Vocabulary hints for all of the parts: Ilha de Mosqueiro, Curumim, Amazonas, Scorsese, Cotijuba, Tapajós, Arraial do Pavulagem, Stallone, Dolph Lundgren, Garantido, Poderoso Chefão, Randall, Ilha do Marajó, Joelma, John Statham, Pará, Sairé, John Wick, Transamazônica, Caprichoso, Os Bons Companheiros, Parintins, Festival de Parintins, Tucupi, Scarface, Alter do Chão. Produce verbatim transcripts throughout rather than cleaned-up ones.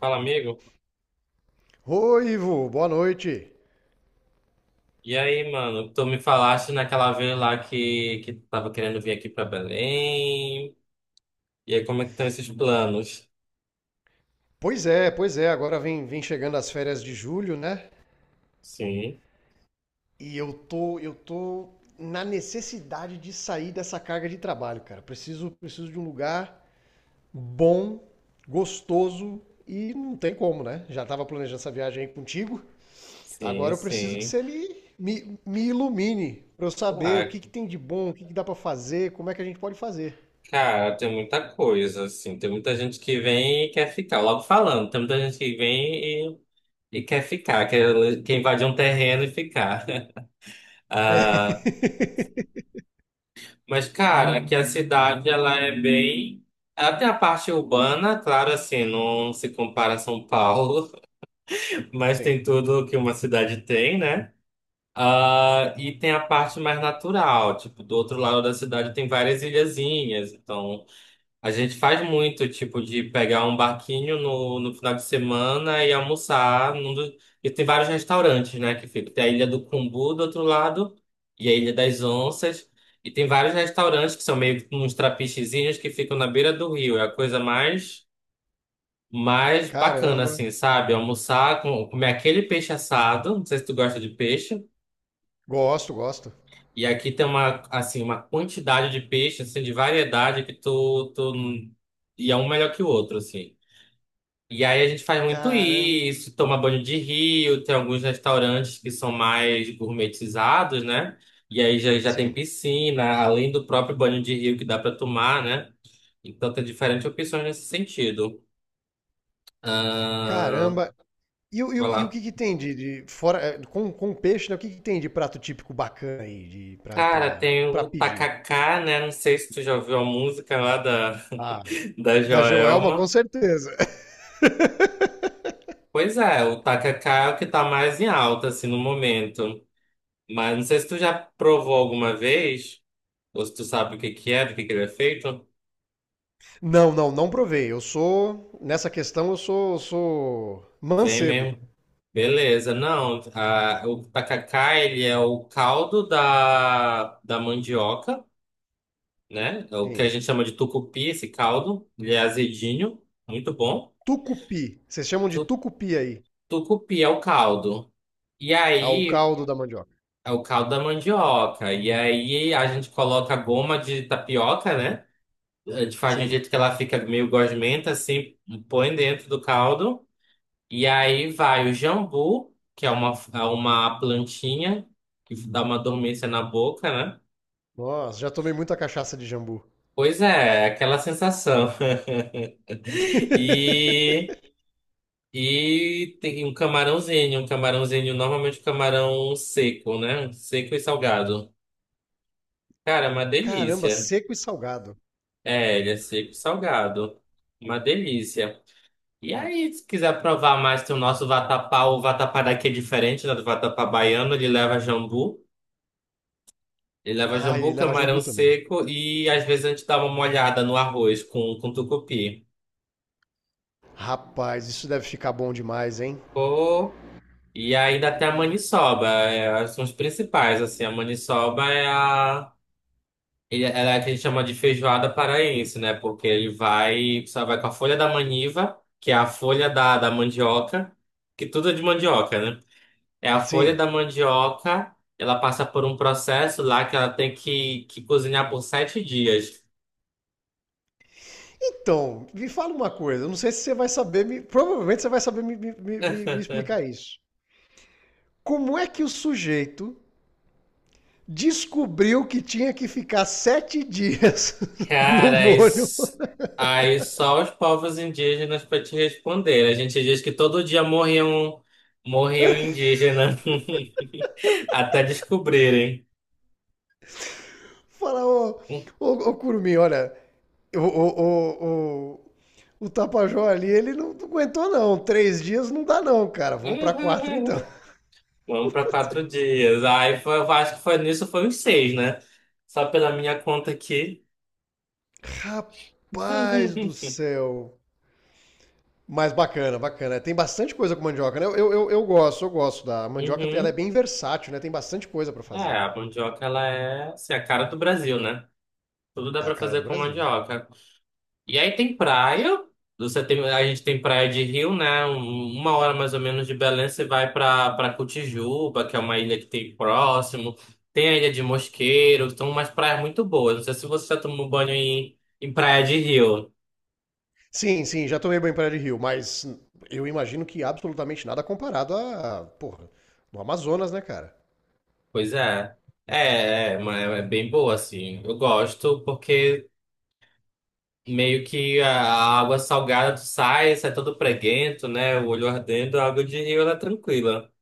Fala, amigo. Oi, Ivo, boa noite. E aí, mano, tu me falaste naquela vez lá que, que tu tava querendo vir aqui pra Belém. E aí, como é que estão esses planos? Pois é, pois é, agora vem, vem chegando as férias de julho, né? Sim, E eu tô, eu tô na necessidade de sair dessa carga de trabalho, cara. Preciso, preciso de um lugar bom, gostoso e não tem como, né? Já tava planejando essa viagem aí contigo. sim, Agora eu preciso que sim. você me, me, me ilumine pra eu saber o Ah, que que tem de bom, o que que dá pra fazer, como é que a gente pode fazer. cara, tem muita coisa, assim. Tem muita gente que vem e quer ficar. Logo falando, tem muita gente que vem e, e quer ficar, quer, quer invadir um terreno e ficar. É. Ah, mas, cara, aqui a cidade, ela é bem... Ela tem a parte urbana, claro, assim, não se compara a São Paulo. Mas Sim. tem tudo que uma cidade tem, né? Ah, e tem a parte mais natural, tipo, do outro lado da cidade tem várias ilhazinhas. Então, a gente faz muito, tipo, de pegar um barquinho no, no final de semana e almoçar. Num do- E tem vários restaurantes, né, que fica. Tem a Ilha do Cumbu do outro lado e a Ilha das Onças. E tem vários restaurantes que são meio que uns trapichezinhos que ficam na beira do rio. É a coisa mais mas bacana, Caramba. assim, sabe? Almoçar, com, comer aquele peixe assado. Não sei se tu gosta de peixe. Gosto, gosto. E aqui tem uma, assim, uma quantidade de peixe, assim, de variedade que tu, tu... E é um melhor que o outro, assim. E aí a gente faz muito Caramba. isso, toma banho de rio, tem alguns restaurantes que são mais gourmetizados, né? E aí já, já tem Sim. piscina, além do próprio banho de rio que dá pra tomar, né? Então tem diferentes opções nesse sentido. Ah, Caramba! E, o- e, vai o- e o lá. que que tem de, de- fora eh, com, com peixe, né? O que que tem de prato típico bacana aí de para Cara, tem para o pedir? Tacacá, né? Não sei se tu já ouviu a música lá da, Ah, da da Joelma com Joelma. certeza. Pois é, o Tacacá é o que tá mais em alta, assim, no momento. Mas não sei se tu já provou alguma vez, ou se tu sabe o que que é, do que que ele é feito. Não, não, não provei. Eu sou nessa questão eu sou eu sou Vem mancebo. mesmo. Beleza, não. a- o tacacá, ele é o caldo da, da mandioca, né? É o que a Sim. gente chama de tucupi, esse caldo. Ele é azedinho, muito bom. Tucupi. Vocês chamam de Tu- tucupi aí, tucupi é o caldo. E ah, o aí, caldo da mandioca. é o caldo da mandioca. E aí, a gente coloca a goma de tapioca, né? A gente faz de um Sim. jeito que ela fica meio gosmenta, assim, põe dentro do caldo. E aí vai o jambu, que é uma, é uma plantinha que dá uma dormência na boca, né? Nossa, já tomei muita cachaça de jambu. Pois é, é aquela sensação. E, e tem um camarãozinho, um camarãozinho, normalmente camarão seco, né? Seco e salgado. Cara, é uma Caramba, delícia. seco e salgado. É, ele é seco e salgado. Uma delícia. E aí, se quiser provar mais, tem o nosso vatapá. O vatapá daqui é diferente, né, do vatapá baiano. Ele leva jambu. Ele leva Ah, ele jambu, leva camarão jambu também. seco e às vezes a gente dá uma molhada no arroz com, com tucupi. Rapaz, isso deve ficar bom demais, hein? Pô, e ainda tem a maniçoba. É, são os principais, assim. A maniçoba é a... Ele, ela é a que a gente chama de feijoada paraense, né? Porque ele vai, só vai com a folha da maniva, que é a folha da, da mandioca, que tudo é de mandioca, né? É a folha Sim. da mandioca, ela passa por um processo lá que ela tem que, que cozinhar por sete dias. Então, me fala uma coisa, eu não sei se você vai saber, me- provavelmente você vai saber me, me- me- me- me explicar isso. Como é que o sujeito descobriu que tinha que ficar sete dias no Cara, aí, molho? s- aí só os povos indígenas para te responder. A gente diz que todo dia morriam, morriam indígenas até descobrirem. Fala, ô, ô, ô Curumim, olha, o, o, o, o, o Tapajó ali, ele não aguentou não, três dias não dá não, cara, vamos pra quatro então. Vamos para quatro dias. Aí foi, eu acho que foi nisso, foi uns seis, né? Só pela minha conta aqui. Rapaz do céu. Mas bacana, bacana. Tem bastante coisa com mandioca, né? Eu, eu, eu gosto, eu gosto da mandioca. Ela é Uhum. bem versátil, né? Tem bastante coisa pra É, fazer. a mandioca, ela é assim, a cara do Brasil, né? Tudo dá É a pra cara do fazer com Brasil. mandioca. E aí tem praia. Você tem, a gente tem praia de Rio, né? Um- Uma hora mais ou menos de Belém, você vai pra, pra, Cotijuba, que é uma ilha que tem próximo. Tem a Ilha de Mosqueiro, são umas praias muito boas. Não sei se você já tomou banho em, em praia de Rio. Sim, sim, já tomei banho em praia de rio, mas eu imagino que absolutamente nada comparado a, porra, no Amazonas, né, cara? Pois é. É, é, ma- é é bem boa, assim. Eu gosto porque meio que a a água salgada tu sai, sai todo preguento, né? O olho ardendo, a água de rio ela é tranquila.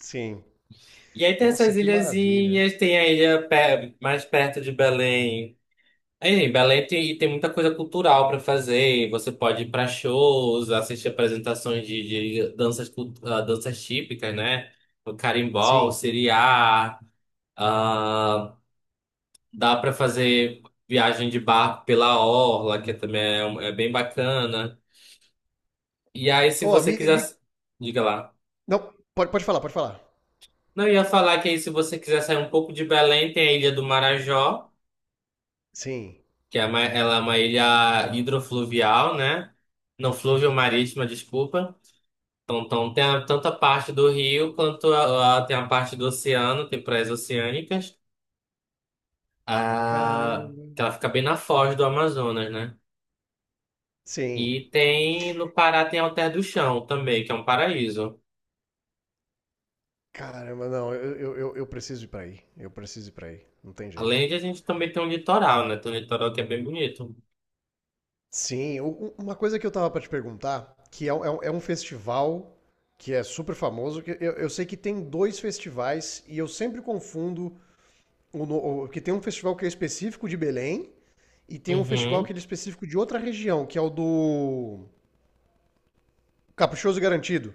Sim. E aí tem Nossa, essas que maravilha. ilhazinhas, tem a ilha pe- mais perto de Belém. Aí, Belém tem, tem muita coisa cultural para fazer. Você pode ir para shows, assistir apresentações de, de danças, cult- ah, danças típicas, né? O carimbó, o Sim. siriá. ah, Dá para fazer viagem de barco pela orla, que também é, um- é bem bacana. E aí, se Ó, você me, quiser. me- Diga lá. Não, pode, pode falar, pode falar. Não, eu ia falar que aí, se você quiser sair um pouco de Belém, tem a Ilha do Marajó, Sim. que é uma, ela é uma ilha hidrofluvial, né? Não, fluvio-marítima, desculpa. Então, então, tem a- tanto a parte do rio quanto a, a- tem a parte do oceano, tem praias oceânicas. Ah, que Caramba. ela fica bem na foz do Amazonas, né? Sim. E tem no Pará tem Alter do Chão também, que é um paraíso. Caramba, não, eu, eu, eu eu preciso ir pra aí. Eu preciso ir pra aí. Não tem jeito. Além de a gente também tem um litoral, né? Tem um litoral que é bem bonito. Sim, u- u- uma coisa que eu tava pra te perguntar, que é, um- é um é um festival que é super famoso, que eu, eu sei que tem dois festivais e eu sempre confundo o, no- o- que tem um festival que é específico de Belém e tem um festival que Uhum. ele é específico de outra região, que é o do Caprichoso Garantido.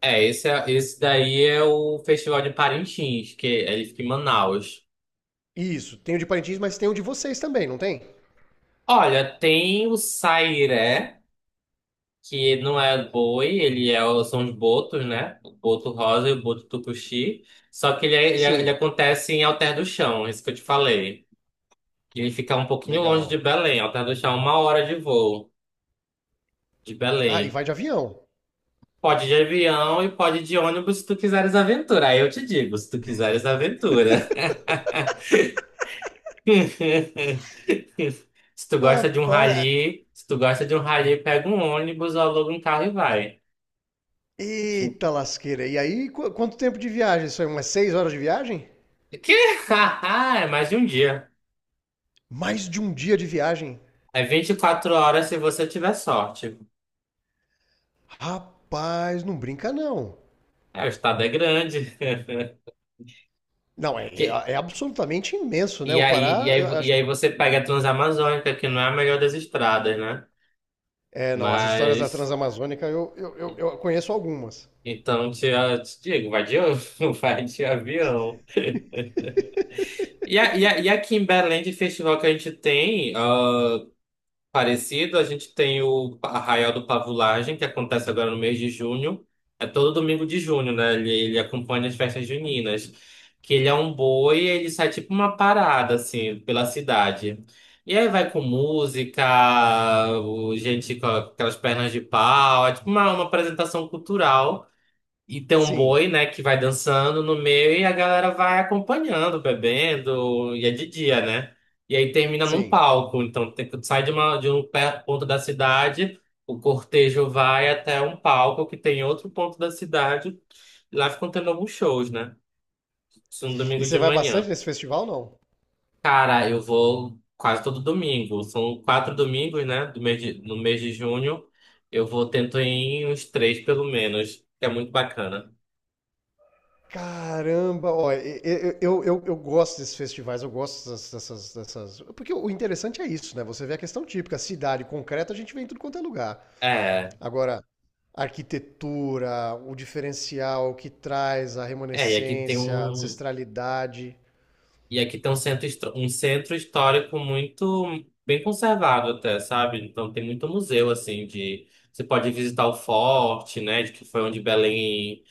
É, esse, é- esse daí é o Festival de Parintins, que é ele fica em Manaus. Isso, tem o de Parintins, mas tem o de vocês também, não tem? Olha, tem o Sairé, que não é boi, ele é, o- são os botos, né? O boto rosa e o boto tucuxi. Só que ele, é- ele, é- ele Sim, acontece em Alter do Chão, é isso que eu te falei. Que ele fica um pouquinho longe de legal. Belém. Alter do Chão é uma hora de voo de Ah, e Belém. vai de avião. Pode de avião e pode de ônibus se tu quiseres aventura. Aí eu te digo, se tu quiseres aventura. Se tu Ah, gosta de um para... rally, se tu gosta de um rally, pega um ônibus ou aluga um carro e vai. Eita lasqueira. E aí, qu- quanto tempo de viagem? Isso é umas seis horas de viagem? Que? É mais de um dia. Mais de um dia de viagem. É vinte e quatro horas se você tiver sorte. Rapaz, não brinca não. É, o estado é grande. Não, é, Que- é- é absolutamente imenso, né? E O aí, e aí, Pará, e acho- aí você pega a Transamazônica, que não é a melhor das estradas, né? é, não, as histórias da Mas, Transamazônica eu, eu, eu, eu conheço algumas. então, te, eu te digo, vai de, vai de avião. E, a- e, a- e aqui em Belém, de festival que a gente tem, ah, parecido, a gente tem o Arraial do Pavulagem, que acontece agora no mês de junho. É todo domingo de junho, né? Ele, ele acompanha as festas juninas. Que ele é um boi e ele sai tipo uma parada, assim, pela cidade. E aí vai com música, o- gente com aquelas pernas de pau, é tipo uma, uma apresentação cultural. E tem um boi, Sim, né, que vai dançando no meio e a galera vai acompanhando, bebendo, e é de dia, né? E aí termina num sim. palco. Então tem, sai de, uma, de um pé- ponto da cidade, o cortejo vai até um palco que tem outro ponto da cidade, e lá ficam tendo alguns shows, né? Isso no E domingo você de vai bastante manhã. nesse festival, não? Cara, eu vou quase todo domingo. São quatro domingos, né? Do mês de, no mês de junho. Eu vou tento ir em uns três, pelo menos, que é muito bacana. Caramba, ó, e- e- eu, eu, eu gosto desses festivais, eu gosto dessas, dessas, dessas- Porque o interessante é isso, né? Você vê a questão típica, cidade concreta, a gente vem em tudo quanto é lugar. É, Agora, a arquitetura, o diferencial que traz, a É, e aqui tem remanescência, a um, ancestralidade. e aqui tem um centro, histó- um centro histórico muito bem conservado até, sabe? Então tem muito museu assim de você pode visitar o forte, né, de que foi onde Belém,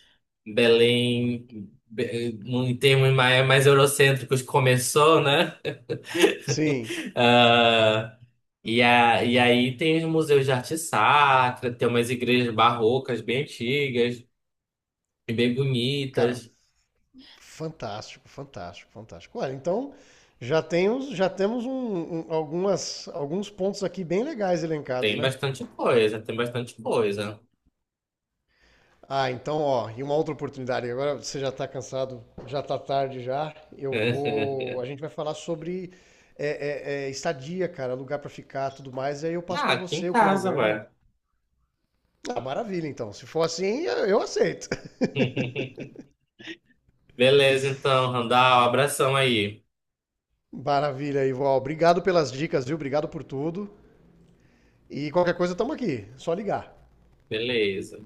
Belém Be- em termos mais, mais eurocêntricos começou, né? Sim, Ah, e, a, e aí tem os museus de arte sacra, tem umas igrejas barrocas bem antigas e bem cara, bonitas. fantástico, fantástico, fantástico. Olha, então já temos, já temos um- um- algumas, alguns pontos aqui bem legais elencados, Tem né? bastante coisa, tem bastante coisa. Ah, então, ó, e uma outra oportunidade. Agora você já tá cansado, já tá tarde já. Eu vou. A gente vai falar sobre é, é, é, estadia, cara, lugar pra ficar, tudo mais. E aí eu passo Ah, pra aqui em você o casa, cronograma. ué. Ah, maravilha, então. Se for assim, eu aceito. Beleza, então, Randall, abração aí. Maravilha, Ivo. Ó, obrigado pelas dicas, viu? Obrigado por tudo. E qualquer coisa, estamos aqui. É só ligar. Beleza.